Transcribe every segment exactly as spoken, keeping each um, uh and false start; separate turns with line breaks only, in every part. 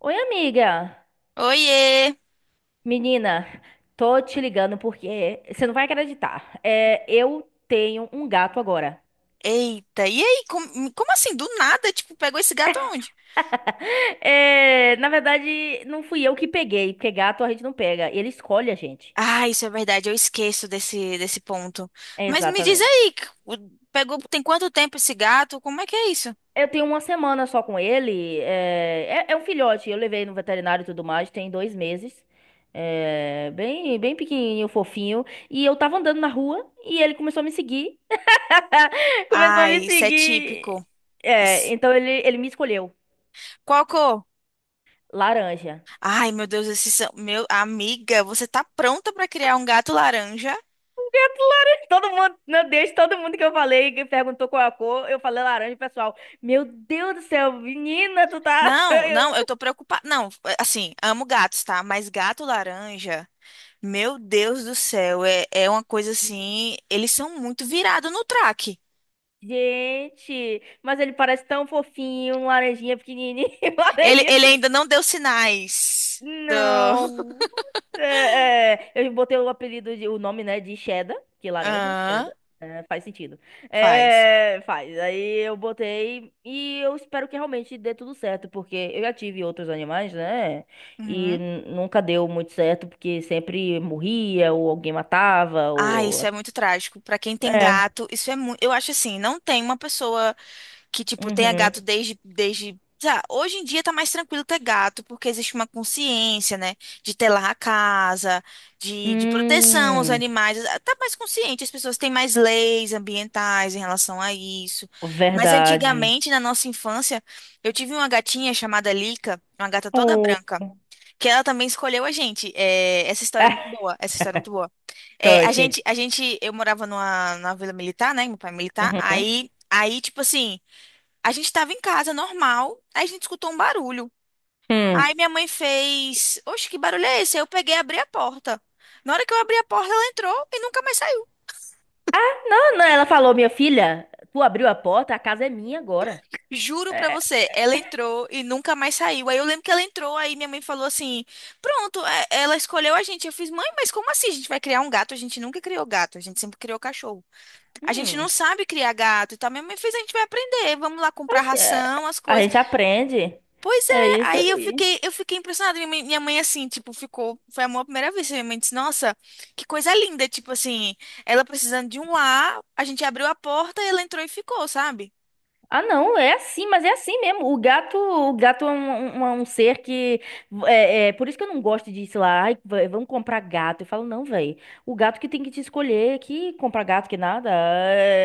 Oi, amiga.
Oiê!
Menina, tô te ligando porque você não vai acreditar. É, eu tenho um gato agora.
Eita, e aí? Como, como assim? Do nada, tipo, pegou esse gato aonde?
É, na verdade, não fui eu que peguei, porque gato a gente não pega, ele escolhe a gente.
Ah, isso é verdade, eu esqueço desse, desse ponto.
É,
Mas me diz
Exatamente.
aí, c- o- pegou, tem quanto tempo esse gato? Como é que é isso?
Eu tenho uma semana só com ele. É, é, é um filhote, eu levei no veterinário e tudo mais, tem dois meses. É, bem, bem pequenininho, fofinho. E eu tava andando na rua e ele começou a me seguir. Começou a me
Ai, isso é
seguir.
típico.
É,
Isso-
então ele, ele me escolheu.
Qual cor?
Laranja.
Ai, meu Deus, esses são, meu, amiga, você tá pronta pra criar um gato laranja?
Gato laranja. Todo mundo, meu Deus, todo mundo que eu falei, que perguntou qual é a cor, eu falei laranja, pessoal. Meu Deus do céu, menina, tu tá.
Não, não, eu tô preocupada. Não, assim, amo gatos, tá? Mas gato laranja. Meu Deus do céu, é, é uma coisa assim. Eles são muito virados no track.
Gente, mas ele parece tão fofinho, um laranjinha pequenininho,
Ele,
laranjinha.
ele ainda não deu sinais do.
Não. É, é, eu botei o apelido, de, o nome, né, de cheddar, que é laranja,
Aham,
cheddar. É, faz sentido.
faz.
É, faz. Aí eu botei e eu espero que realmente dê tudo certo, porque eu já tive outros animais, né? E
Uhum.
n- nunca deu muito certo, porque sempre morria, ou alguém matava,
Ah, isso
ou.
é muito trágico. Pra quem tem
É.
gato, isso é muito. Eu acho assim, não tem uma pessoa. Que, tipo, tenha
Uhum.
gato desde, desde... sei lá, hoje em dia tá mais tranquilo ter gato, porque existe uma consciência, né? De telar a casa, de, de proteção aos
Hum,
animais. Ah, tá mais consciente, as pessoas têm mais leis ambientais em relação a isso. Mas
verdade.
antigamente, na nossa infância, eu tive uma gatinha chamada Lica, uma gata toda
Oh.
branca, que ela também escolheu a gente. É, essa história é muito
É,
boa, essa história é muito boa. É, a gente,
cut.
a gente, eu morava numa, numa vila militar, né? Meu pai é militar.
Uhum.
Aí, aí, tipo assim, a gente tava em casa, normal, aí a gente escutou um barulho.
Hum.
Aí minha mãe fez, oxe, que barulho é esse? Aí eu peguei e abri a porta. Na hora que eu abri a porta, ela entrou e nunca mais saiu.
Não, não, ela falou, minha filha, tu abriu a porta, a casa é minha agora.
Juro pra
É,
você, ela entrou e nunca mais saiu. Aí eu lembro que ela entrou, aí minha mãe falou assim: pronto, é- ela escolheu a gente. Eu fiz, mãe, mas como assim? A gente vai criar um gato? A gente nunca criou gato, a gente sempre criou cachorro. A gente não
hum,
sabe criar gato e tal. Minha mãe fez, a gente vai aprender, vamos lá comprar
oxe, é,
ração, as
a
coisas.
gente aprende.
Pois é,
É isso
aí eu
aí.
fiquei, eu fiquei impressionada. Minha mãe, minha mãe, assim, tipo, ficou. Foi amor à primeira vez. Minha mãe disse, nossa, que coisa linda. Tipo assim, ela precisando de um lar, a gente abriu a porta e ela entrou e ficou, sabe?
Ah, não, é assim, mas é assim mesmo. O gato, o gato é um, um- um ser que. É, é, por isso que eu não gosto de, sei lá, ai, v- vamos comprar gato. Eu falo, não, velho. O gato que tem que te escolher, que comprar gato, que nada.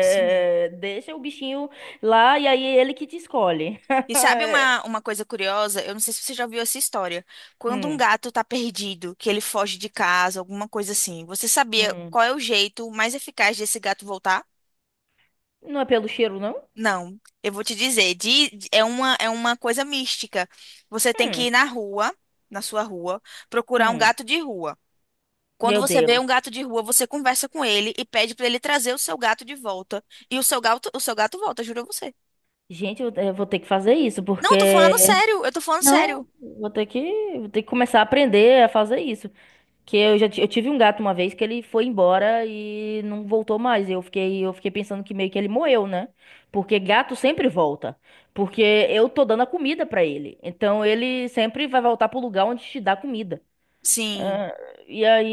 Sim.
deixa o bichinho lá e aí é ele que te escolhe.
E sabe uma, uma coisa curiosa? Eu não sei se você já viu essa história. Quando um
Hum,
gato tá perdido, que ele foge de casa, alguma coisa assim, você sabia
hum.
qual é o jeito mais eficaz desse gato voltar?
Não é pelo cheiro, não?
Não, eu vou te dizer, di- di- é uma, é uma coisa mística. Você tem que
Hum,
ir na rua, na sua rua, procurar um
hum.
gato de rua. Quando
Meu
você vê
Deus.
um gato de rua, você conversa com ele e pede pra ele trazer o seu gato de volta. E o seu gato, o seu gato volta, juro a você.
Gente, eu, eu vou ter que fazer isso,
Não, eu tô falando
porque.
sério, eu tô falando
Não,
sério.
vou ter que, vou ter que começar a aprender a fazer isso. Que eu já ti- eu tive um gato uma vez que ele foi embora e não voltou mais. Eu fiquei, eu fiquei pensando que meio que ele morreu, né? Porque gato sempre volta. Porque eu tô dando a comida pra ele. Então ele sempre vai voltar pro lugar onde te dá comida.
Sim.
E aí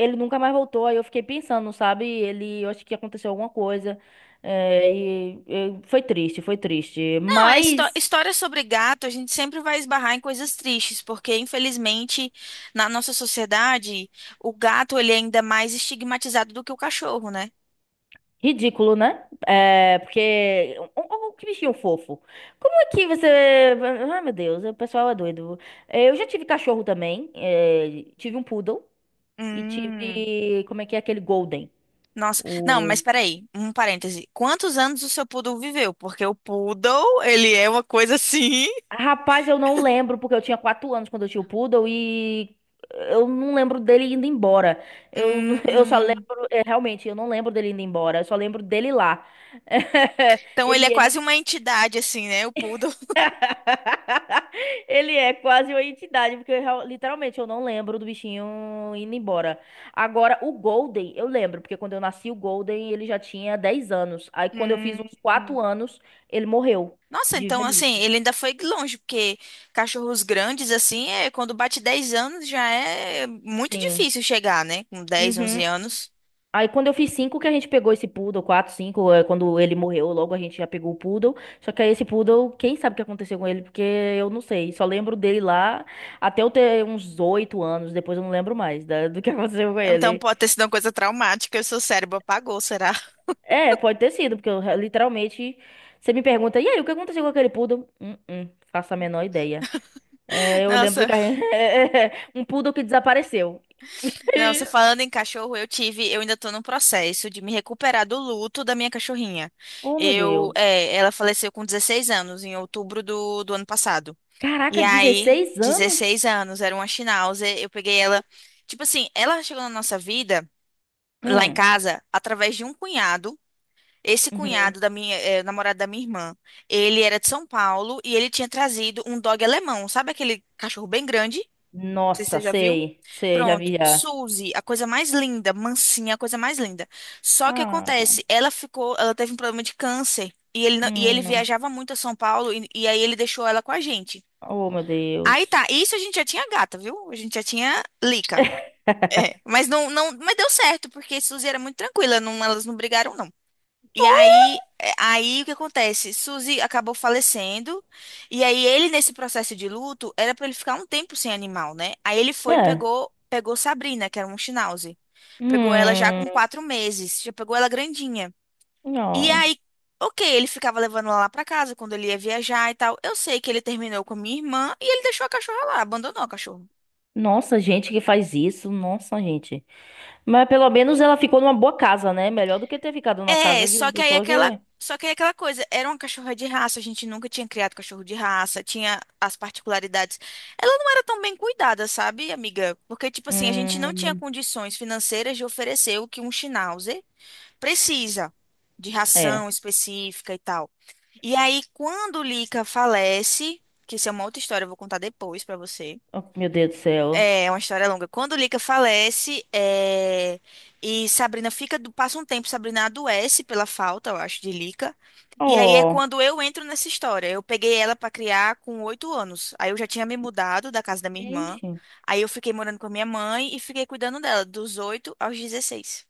ele nunca mais voltou. Aí eu fiquei pensando, sabe? Ele, eu acho que aconteceu alguma coisa. É, e, e foi triste, foi triste.
Não, é histó
Mas
história sobre gato, a gente sempre vai esbarrar em coisas tristes, porque infelizmente na nossa sociedade, o gato ele é ainda mais estigmatizado do que o cachorro, né?
ridículo, né? É, porque. O- o- o Que bichinho fofo. Como é que você. Ai, meu Deus, o pessoal é doido. É, Eu já tive cachorro também. é, tive um poodle e
Hum.
tive. Como é que é aquele golden?
Nossa, não, mas peraí, um parêntese. Quantos anos o seu poodle viveu? Porque o poodle, ele é uma coisa assim.
Rapaz, eu não lembro, porque eu tinha quatro anos quando eu tinha o Poodle e eu não lembro dele indo embora. Eu, eu só
Hum,
lembro, é, realmente, eu não lembro dele indo embora, eu só lembro dele lá.
então ele é
Ele,
quase
ele...
uma entidade, assim, né? O poodle.
ele é quase uma entidade, porque eu real- literalmente eu não lembro do bichinho indo embora. Agora, o Golden, eu lembro, porque quando eu nasci, o Golden, ele já tinha dez anos. Aí, quando eu fiz
Hum.
uns quatro anos, ele morreu
Nossa,
de
então assim,
velhice.
ele ainda foi longe, porque cachorros grandes, assim, é, quando bate dez anos já é muito
Sim.
difícil chegar, né? Com dez, onze
Uhum.
anos.
Aí quando eu fiz cinco que a gente pegou esse poodle, quatro, cinco, é, quando ele morreu, logo a gente já pegou o poodle. Só que aí esse poodle, quem sabe o que aconteceu com ele, porque eu não sei. Só lembro dele lá até eu ter uns oito anos, depois eu não lembro mais da- do que aconteceu com
Então
ele.
pode ter sido uma coisa traumática, o seu cérebro apagou, será?
É, pode ter sido, porque eu re- literalmente, você me pergunta, e aí, o que aconteceu com aquele poodle? Hum, hum, faço a menor ideia. É, eu lembro
Nossa.
que a gente... um poodle que desapareceu.
Não, você falando em cachorro, eu tive, eu ainda tô no processo de me recuperar do luto da minha cachorrinha.
Oh, meu
Eu,
Deus.
é, ela faleceu com dezesseis anos, em outubro do, do ano passado.
Caraca,
E aí,
dezesseis anos?
dezesseis anos, era uma Schnauzer, eu peguei ela, tipo assim, ela chegou na nossa vida, lá em
Hum.
casa, através de um cunhado. Esse
Uhum.
cunhado da minha, é, namorado da minha irmã, ele era de São Paulo e ele tinha trazido um dog alemão, sabe aquele cachorro bem grande? Não sei se
Nossa,
você já viu.
sei, sei, já
Pronto,
vi já.
Suzy, a coisa mais linda, mansinha, a coisa mais linda. Só que
Ah,
acontece, ela ficou, ela teve um problema de câncer e ele, não- e ele
hum,
viajava muito a São Paulo e, e aí ele deixou ela com a gente.
oh meu
Aí
Deus.
tá, isso a gente já tinha gata, viu? A gente já tinha Lica. É, mas não, não, mas deu certo, porque Suzy era muito tranquila, não, elas não brigaram, não. E aí, é, aí o que acontece? Suzy acabou falecendo, e aí ele, nesse processo de luto, era pra ele ficar um tempo sem animal, né? Aí ele foi e
É.
pegou, pegou Sabrina, que era um Schnauzer. Pegou ela já com
Hum,
quatro meses, já pegou ela grandinha. E
não.
aí, ok, ele ficava levando ela lá pra casa quando ele ia viajar e tal. Eu sei que ele terminou com a minha irmã e ele deixou a cachorra lá, abandonou a cachorra.
Nossa, gente que faz isso, nossa, gente. Mas pelo menos ela ficou numa boa casa, né? Melhor do que ter ficado numa
É,
casa de
só
uma
que aí
pessoa que.
aquela, só que aí aquela coisa, era uma cachorra de raça, a gente nunca tinha criado cachorro de raça, tinha as particularidades. Ela não era tão bem cuidada, sabe, amiga? Porque, tipo assim, a gente não tinha
Hum,
condições financeiras de oferecer o que um Schnauzer precisa, de
é.
ração específica e tal. E aí, quando o Lica falece, que isso é uma outra história, eu vou contar depois pra você.
Oh, meu Deus do céu.
É uma história longa. Quando Lika falece, é, e Sabrina fica, do- passa um tempo, Sabrina adoece pela falta, eu acho, de Lika. E aí é
Oh,
quando eu entro nessa história. Eu peguei ela pra criar com oito anos. Aí eu já tinha me mudado da casa da minha irmã.
gente.
Aí eu fiquei morando com a minha mãe e fiquei cuidando dela dos oito aos dezesseis.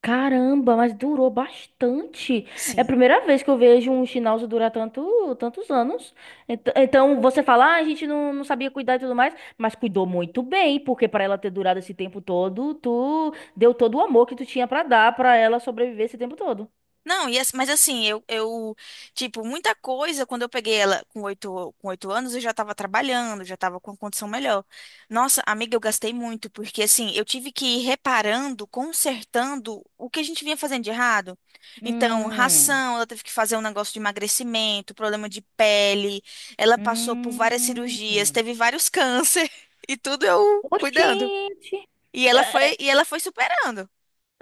Caramba, mas durou bastante. É a
Sim.
primeira vez que eu vejo um Schnauz durar tanto, tantos anos. Ent- Então, você fala, ah, a gente não, não sabia cuidar e tudo mais, mas cuidou muito bem, porque para ela ter durado esse tempo todo, tu deu todo o amor que tu tinha para dar para ela sobreviver esse tempo todo.
Não, e, ass- mas assim, eu, eu, tipo, muita coisa, quando eu peguei ela com oito, com oito anos, eu já tava trabalhando, já tava com uma condição melhor. Nossa, amiga, eu gastei muito, porque assim, eu tive que ir reparando, consertando o que a gente vinha fazendo de errado. Então,
Hum,
ração, ela teve que fazer um negócio de emagrecimento, problema de pele, ela passou por várias
hum.
cirurgias, teve vários câncer, e tudo eu cuidando.
Oxente!
E ela
É,
foi, e ela foi superando.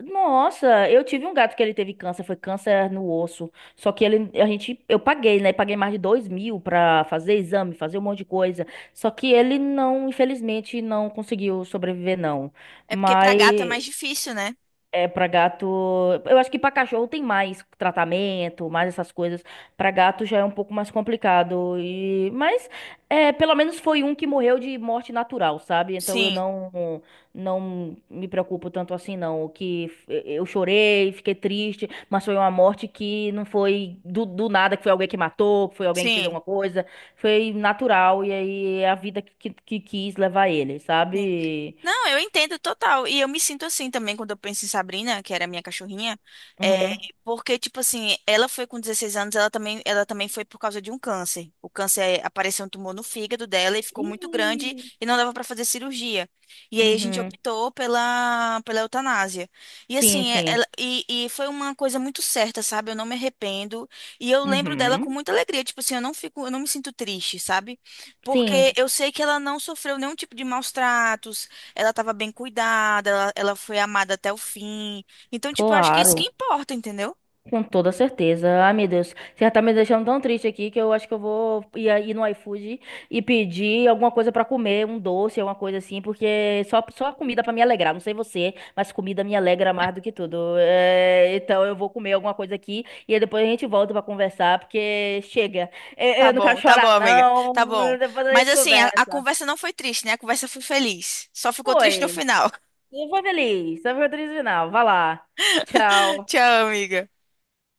Nossa, eu tive um gato que ele teve câncer, foi câncer no osso. Só que ele, a gente, eu paguei, né? Paguei mais de dois mil pra fazer exame, fazer um monte de coisa. Só que ele não, infelizmente, não conseguiu sobreviver, não.
É porque pra gato é
Mas
mais difícil, né?
é, pra gato. Eu acho que pra cachorro tem mais tratamento, mais essas coisas. Pra gato já é um pouco mais complicado. E... Mas, é, pelo menos foi um que morreu de morte natural, sabe? Então eu
Sim,
não, não me preocupo tanto assim, não. O que f- eu chorei, fiquei triste, mas foi uma morte que não foi do, do nada, que foi alguém que matou, que foi alguém que fez
sim.
alguma coisa. Foi natural, e aí é a vida que, que, que quis levar ele,
Sim.
sabe?
Não, eu entendo total. E eu me sinto assim também quando eu penso em Sabrina, que era a minha cachorrinha. É,
Uhum.
porque, tipo assim, ela foi com dezesseis anos, ela também, ela também foi por causa de um câncer. O câncer é, apareceu um tumor no fígado dela e ficou muito grande
Ih.
e não dava pra fazer cirurgia. E aí a gente
Uhum.
optou pela, pela eutanásia. E
Sim,
assim, é-
sim.
ela, e, e foi uma coisa muito certa, sabe? Eu não me arrependo. E eu lembro dela com
Uhum.
muita alegria. Tipo assim, eu não fico, eu não me sinto triste, sabe? Porque
Sim,
eu sei que ela não sofreu nenhum tipo de maus tratos, ela estava bem cuidada, ela, ela foi amada até o fim. Então, tipo, eu acho que isso que
claro.
importa, entendeu?
Com toda certeza. Ai, meu Deus. Você já tá me deixando tão triste aqui que eu acho que eu vou ir, aí no iFood e pedir alguma coisa pra comer, um doce, alguma coisa assim, porque só, só comida pra me alegrar. Não sei você, mas comida me alegra mais do que tudo. É, então eu vou comer alguma coisa aqui e aí depois a gente volta pra conversar, porque chega. Eu,
Tá
eu não quero
bom, tá bom,
chorar,
amiga. Tá
não.
bom.
Depois a
Mas
gente
assim, a, a
conversa.
conversa não foi triste, né? A conversa foi feliz. Só ficou triste no
Foi.
final.
Eu fui feliz. Eu foi o final. Vai lá. Tchau.
Tchau, amiga.